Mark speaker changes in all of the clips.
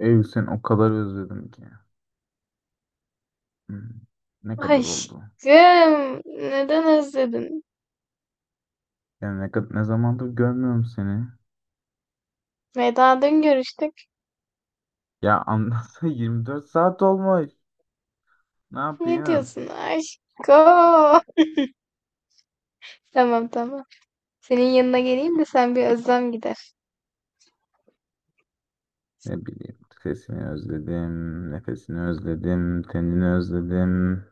Speaker 1: Ev sen o kadar özledim ki. Hmm, ne kadar oldu?
Speaker 2: Aşkım, neden özledin?
Speaker 1: Yani ne ne zamandır görmüyorum seni.
Speaker 2: Veda dün görüştük.
Speaker 1: Ya anlatsa 24 saat olmuş. Ne
Speaker 2: Ne
Speaker 1: yapayım?
Speaker 2: diyorsun aşkım? Tamam tamam. Senin yanına geleyim de sen bir özlem gider.
Speaker 1: Ne bileyim. Sesini özledim, nefesini özledim, tenini özledim.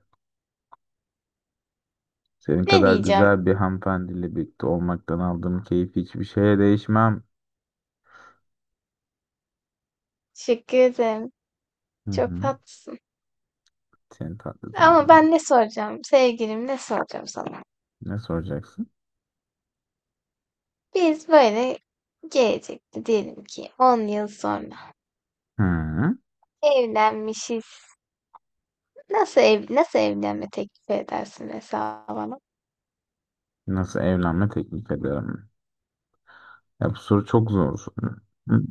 Speaker 1: Senin
Speaker 2: Ne
Speaker 1: kadar
Speaker 2: diyeceğim?
Speaker 1: güzel bir hanımefendiyle birlikte olmaktan aldığım keyif hiçbir şeye değişmem.
Speaker 2: Teşekkür ederim.
Speaker 1: Hı
Speaker 2: Çok
Speaker 1: hı.
Speaker 2: tatlısın.
Speaker 1: Seni tatlıdın
Speaker 2: Ama
Speaker 1: canım.
Speaker 2: ben ne soracağım? Sevgilim ne soracağım sana?
Speaker 1: Ne soracaksın?
Speaker 2: Biz böyle gelecekte diyelim ki 10 yıl sonra
Speaker 1: Hı.
Speaker 2: evlenmişiz. Nasıl evlenme teklifi edersin mesela bana?
Speaker 1: Nasıl evlenme teklif ederim? Ya bu soru çok zor. Hı.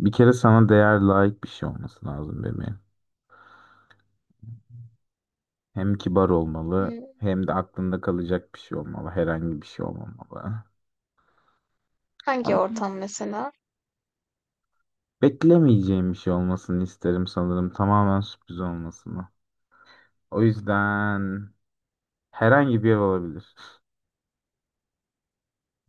Speaker 1: Bir kere sana değer layık bir şey olması lazım bebeğim. Hem kibar olmalı
Speaker 2: Hmm,
Speaker 1: hem de aklında kalacak bir şey olmalı. Herhangi bir şey olmamalı.
Speaker 2: Hangi
Speaker 1: Ama
Speaker 2: ortam mesela?
Speaker 1: beklemeyeceğim bir şey olmasını isterim sanırım. Tamamen sürpriz olmasını. O yüzden herhangi bir ev olabilir.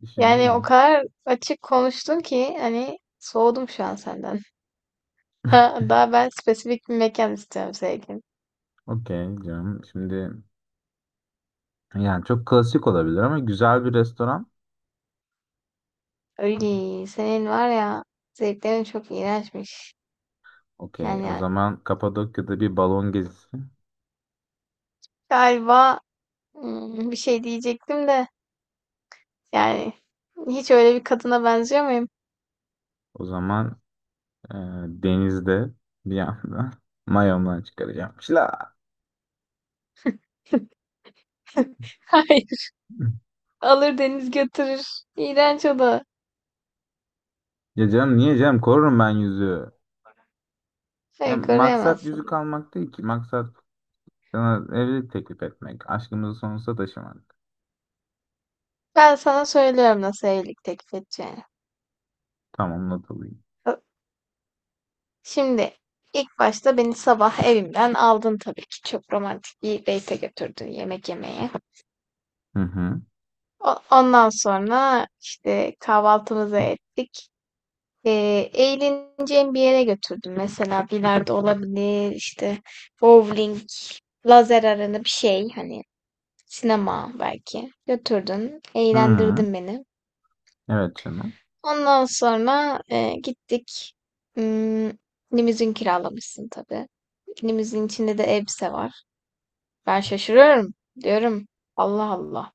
Speaker 2: Yani
Speaker 1: Düşününce.
Speaker 2: o kadar açık konuştun ki hani soğudum şu an senden. Ha, daha ben spesifik bir mekan istiyorum sevgilim.
Speaker 1: Okey canım. Şimdi yani çok klasik olabilir ama güzel bir restoran.
Speaker 2: Öyle senin var ya zevklerin çok iğrençmiş.
Speaker 1: Okey. O
Speaker 2: Yani
Speaker 1: zaman Kapadokya'da bir balon gezisi.
Speaker 2: galiba bir şey diyecektim de yani hiç öyle bir kadına benziyor muyum?
Speaker 1: O zaman Ee, denizde bir yandan mayomdan çıkaracağım. Şila.
Speaker 2: Hayır. Alır deniz götürür. İğrenç o da.
Speaker 1: Ya canım niye canım korurum ben yüzüğü.
Speaker 2: Hayır
Speaker 1: Hem maksat yüzük
Speaker 2: koruyamazsın.
Speaker 1: almak değil ki. Maksat sana evlilik teklif etmek. Aşkımızı sonsuza taşımak.
Speaker 2: Ben sana söylüyorum nasıl evlilik teklif edeceğini.
Speaker 1: Tamam not alayım.
Speaker 2: Şimdi ilk başta beni sabah evimden aldın tabii ki. Çok romantik bir date'e götürdün yemek yemeye.
Speaker 1: Hı hı.
Speaker 2: Ondan sonra işte kahvaltımızı ettik. Eğleneceğim bir yere götürdüm. Mesela bilardo olabilir, işte bowling, lazer arena bir şey hani sinema belki. Götürdün,
Speaker 1: Hı hı.
Speaker 2: eğlendirdin beni.
Speaker 1: Evet canım.
Speaker 2: Ondan sonra gittik. Hmm, Limuzin kiralamışsın tabii. Limuzin içinde de elbise var. Ben şaşırıyorum. Diyorum Allah Allah.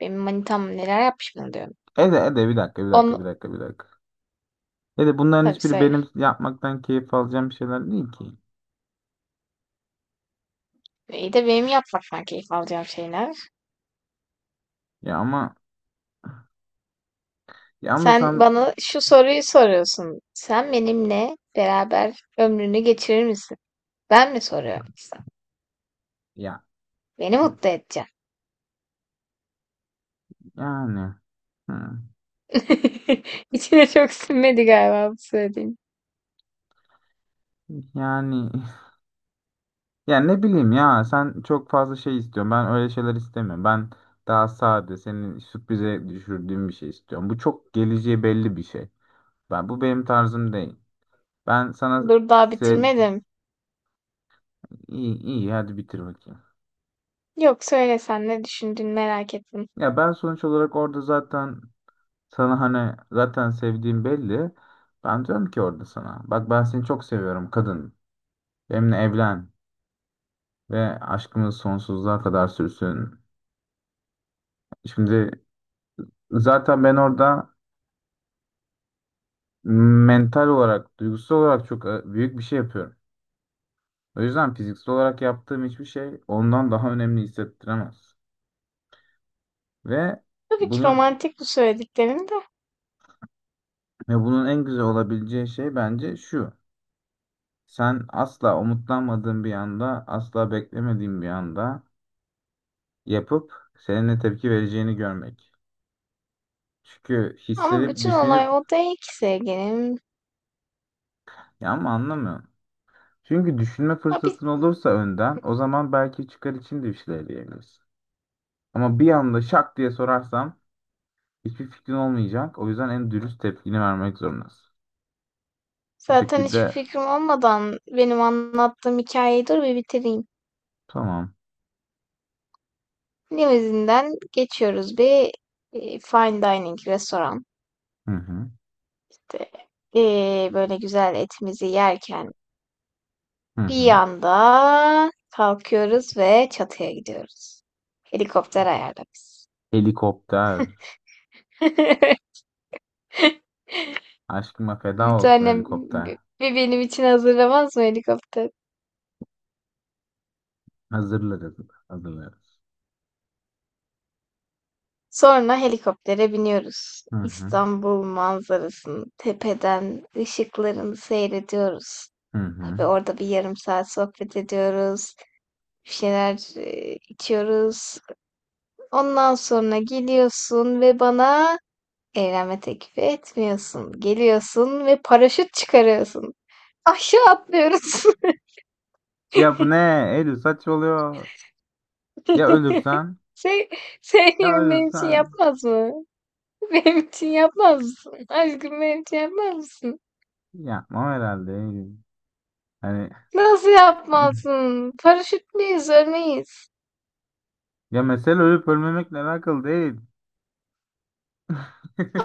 Speaker 2: Benim manitam neler yapmış bana diyorum.
Speaker 1: Ede bir dakika bir dakika bir
Speaker 2: Onu
Speaker 1: dakika bir dakika. Ede bunların
Speaker 2: tabii
Speaker 1: hiçbiri
Speaker 2: söyle.
Speaker 1: benim yapmaktan keyif alacağım şeyler değil ki.
Speaker 2: İyi de benim yapmaktan keyif alacağım şeyler.
Speaker 1: Ya ama ya ama
Speaker 2: Sen
Speaker 1: sen
Speaker 2: bana şu soruyu soruyorsun. Sen benimle beraber ömrünü geçirir misin? Ben mi soruyorum sana?
Speaker 1: ya
Speaker 2: Beni mutlu edeceksin.
Speaker 1: yani hı.
Speaker 2: İçine çok sinmedi galiba bu söylediğin.
Speaker 1: Yani yani ne bileyim ya sen çok fazla şey istiyorsun. Ben öyle şeyler istemiyorum. Ben daha sade senin sürprize düşürdüğüm bir şey istiyorum. Bu çok geleceği belli bir şey. Bu benim tarzım değil. Ben sana
Speaker 2: Dur daha
Speaker 1: sev
Speaker 2: bitirmedim.
Speaker 1: iyi iyi hadi bitir bakayım.
Speaker 2: Yok söyle sen ne düşündüğünü merak ettim.
Speaker 1: Ya ben sonuç olarak orada zaten sana hani zaten sevdiğim belli. Ben diyorum ki orada sana bak ben seni çok seviyorum kadın. Benimle evlen ve aşkımız sonsuzluğa kadar sürsün. Şimdi zaten ben orada mental olarak, duygusal olarak çok büyük bir şey yapıyorum. O yüzden fiziksel olarak yaptığım hiçbir şey ondan daha önemli hissettiremez. Ve
Speaker 2: Tabii ki
Speaker 1: bunun
Speaker 2: romantik bu söylediklerim de.
Speaker 1: bunun en güzel olabileceği şey bence şu. Sen asla umutlanmadığın bir anda, asla beklemediğin bir anda yapıp senin ne tepki vereceğini görmek. Çünkü
Speaker 2: Ama
Speaker 1: hissedip
Speaker 2: bütün olay
Speaker 1: düşünüp
Speaker 2: o değil ki sevgilim.
Speaker 1: ya ama anlamıyorum. Çünkü düşünme
Speaker 2: Ha, biz
Speaker 1: fırsatın olursa önden o zaman belki çıkar için de bir şeyler diyebilirsin. Ama bir anda şak diye sorarsam hiçbir fikrin olmayacak. O yüzden en dürüst tepkini vermek zorundasın. Bu
Speaker 2: Zaten hiçbir
Speaker 1: şekilde
Speaker 2: fikrim olmadan benim anlattığım hikayeyi dur bir bitireyim.
Speaker 1: tamam.
Speaker 2: Limuzinden geçiyoruz bir fine dining restoran.
Speaker 1: Hı hı.
Speaker 2: İşte, böyle güzel etimizi yerken
Speaker 1: Hı
Speaker 2: bir
Speaker 1: hı.
Speaker 2: anda kalkıyoruz ve çatıya gidiyoruz. Helikopter ayarlamış.
Speaker 1: Helikopter. Aşkıma feda
Speaker 2: Bir
Speaker 1: olsun
Speaker 2: tane
Speaker 1: helikopter.
Speaker 2: bir benim için hazırlamaz mı helikopter?
Speaker 1: Hazırlarız. Hazırlarız.
Speaker 2: Sonra helikoptere biniyoruz.
Speaker 1: Hı hı.
Speaker 2: İstanbul manzarasını tepeden ışıklarını seyrediyoruz.
Speaker 1: Hı
Speaker 2: Tabii
Speaker 1: hı.
Speaker 2: orada bir yarım saat sohbet ediyoruz. Bir şeyler içiyoruz. Ondan sonra geliyorsun ve bana evlenme teklifi etmiyorsun. Geliyorsun ve paraşüt çıkarıyorsun. Aşağı atlıyoruz.
Speaker 1: Ya bu ne? Eylül saçmalıyor. Ya ölürsen?
Speaker 2: Şey,
Speaker 1: Ya
Speaker 2: Sevgilim benim için
Speaker 1: ölürsen?
Speaker 2: yapmaz mı? Benim için yapmaz mısın? Aşkım benim için yapmaz mısın?
Speaker 1: Yapmam herhalde Eylül. Hani
Speaker 2: Nasıl yapmazsın? Paraşütleyiz, örneğiz.
Speaker 1: ya mesele ölüp ölmemekle alakalı değil.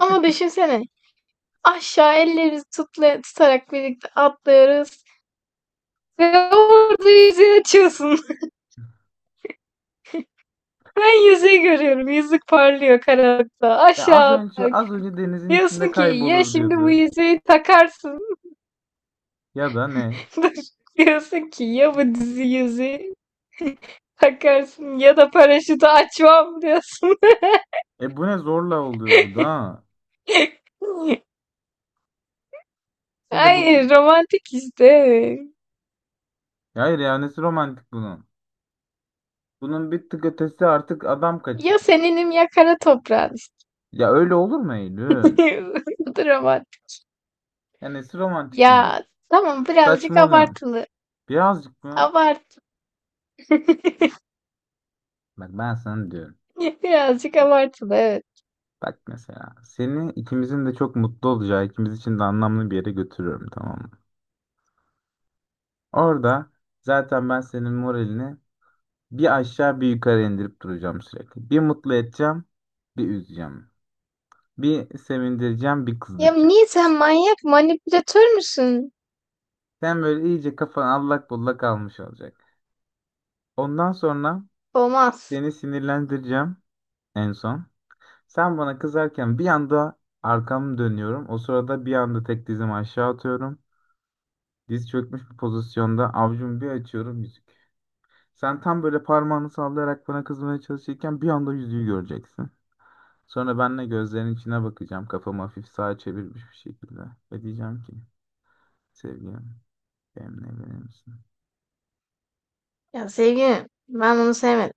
Speaker 2: Ama düşünsene. Aşağı ellerimizi tutarak birlikte atlıyoruz. Ve orada yüzüğü açıyorsun. Ben yüzüğü görüyorum. Yüzük parlıyor karanlıkta.
Speaker 1: Ya az
Speaker 2: Aşağı
Speaker 1: önce az
Speaker 2: atlarken.
Speaker 1: önce denizin içinde
Speaker 2: Diyorsun ki ya
Speaker 1: kaybolur
Speaker 2: şimdi bu
Speaker 1: diyordu.
Speaker 2: yüzüğü takarsın.
Speaker 1: Ya da ne?
Speaker 2: Diyorsun ki ya bu dizi yüzüğü takarsın ya da paraşütü açmam diyorsun.
Speaker 1: E bu ne zorla oluyor bu da. Ha? Ya da bu,
Speaker 2: Ay romantik işte.
Speaker 1: ya hayır, ya nesi romantik bunun? Bunun bir tık ötesi artık adam
Speaker 2: Ya
Speaker 1: kaçırma.
Speaker 2: seninim ya kara toprağın işte.
Speaker 1: Ya öyle olur mu Eylül?
Speaker 2: Dramatik.
Speaker 1: Ya nesi romantik bunun?
Speaker 2: Ya, tamam birazcık
Speaker 1: Saçmalıyorsun.
Speaker 2: abartılı.
Speaker 1: Birazcık mı?
Speaker 2: Abart
Speaker 1: Bak ben sana diyorum.
Speaker 2: Birazcık abartılı, evet.
Speaker 1: Bak mesela seni ikimizin de çok mutlu olacağı, ikimiz için de anlamlı bir yere götürüyorum, tamam mı? Orada zaten ben senin moralini bir aşağı bir yukarı indirip duracağım sürekli. Bir mutlu edeceğim, bir üzeceğim. Bir sevindireceğim, bir
Speaker 2: Ya,
Speaker 1: kızdıracağım.
Speaker 2: niye sen manyak, manipülatör müsün?
Speaker 1: Sen böyle iyice kafan allak bullak almış olacak. Ondan sonra
Speaker 2: Olmaz.
Speaker 1: seni sinirlendireceğim en son. Sen bana kızarken bir anda arkamı dönüyorum. O sırada bir anda tek dizimi aşağı atıyorum. Diz çökmüş bir pozisyonda avucumu bir açıyorum yüzük. Sen tam böyle parmağını sallayarak bana kızmaya çalışırken bir anda yüzüğü göreceksin. Sonra ben de gözlerinin içine bakacağım. Kafamı hafif sağa çevirmiş bir şekilde. Ve diyeceğim ki sevgilim benimle evlenir misin?
Speaker 2: Ya sevgilim, ben bunu sevmedim.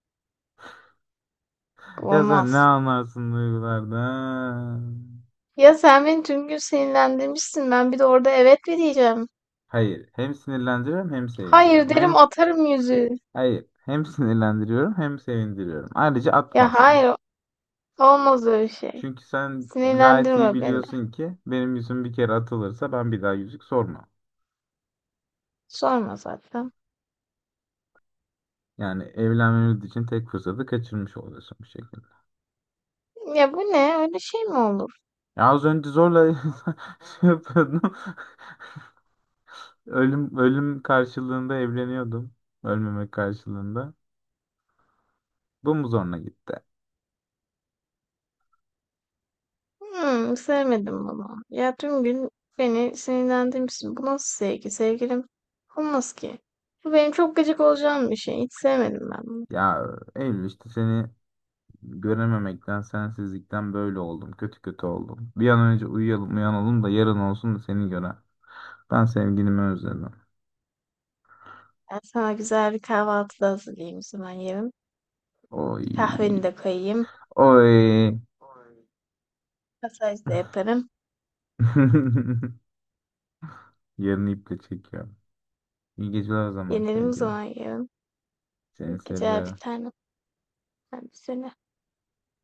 Speaker 2: Bu
Speaker 1: Ya sen ne
Speaker 2: olmaz.
Speaker 1: anlarsın duygulardan?
Speaker 2: Ya sen beni tüm gün sinirlendirmişsin. Ben bir de orada evet mi diyeceğim?
Speaker 1: Hayır. Hem sinirlendiriyorum hem
Speaker 2: Hayır
Speaker 1: sevindiriyorum. Hem
Speaker 2: derim atarım yüzüğü.
Speaker 1: hayır. Hem sinirlendiriyorum hem sevindiriyorum. Ayrıca
Speaker 2: Ya
Speaker 1: atmazsın.
Speaker 2: hayır, olmaz öyle şey.
Speaker 1: Çünkü sen gayet iyi
Speaker 2: Sinirlendirme beni.
Speaker 1: biliyorsun ki benim yüzüm bir kere atılırsa ben bir daha yüzük sormam.
Speaker 2: Sorma zaten.
Speaker 1: Yani evlenmemiz için tek fırsatı kaçırmış oluyorsun bu şekilde.
Speaker 2: Ya bu ne? Öyle şey mi olur?
Speaker 1: Ya az önce zorla şey yapıyordum. Ölüm ölüm karşılığında evleniyordum. Ölmemek karşılığında. Bu mu zoruna gitti?
Speaker 2: Sevmedim bunu. Ya tüm gün beni sinirlendirmişsin. Bu nasıl sevgi sevgilim? Olmaz ki. Bu benim çok gıcık olacağım bir şey. Hiç sevmedim ben bunu.
Speaker 1: Ya Eylül işte seni görememekten, sensizlikten böyle oldum. Kötü kötü oldum. Bir an önce uyuyalım, uyanalım da yarın olsun da seni gören. Ben sevgilimi özledim.
Speaker 2: Ben sana güzel bir kahvaltı da hazırlayayım o zaman yerim. Kahveni
Speaker 1: Oy.
Speaker 2: de koyayım.
Speaker 1: Oy.
Speaker 2: Masaj da yaparım.
Speaker 1: Yarını iple çekiyorum. İyi geceler o zaman
Speaker 2: Yenelim o
Speaker 1: sevgili.
Speaker 2: zaman yarın. İyi
Speaker 1: Seni
Speaker 2: geceler bir
Speaker 1: seviyorum.
Speaker 2: tanem. Ben bir seni.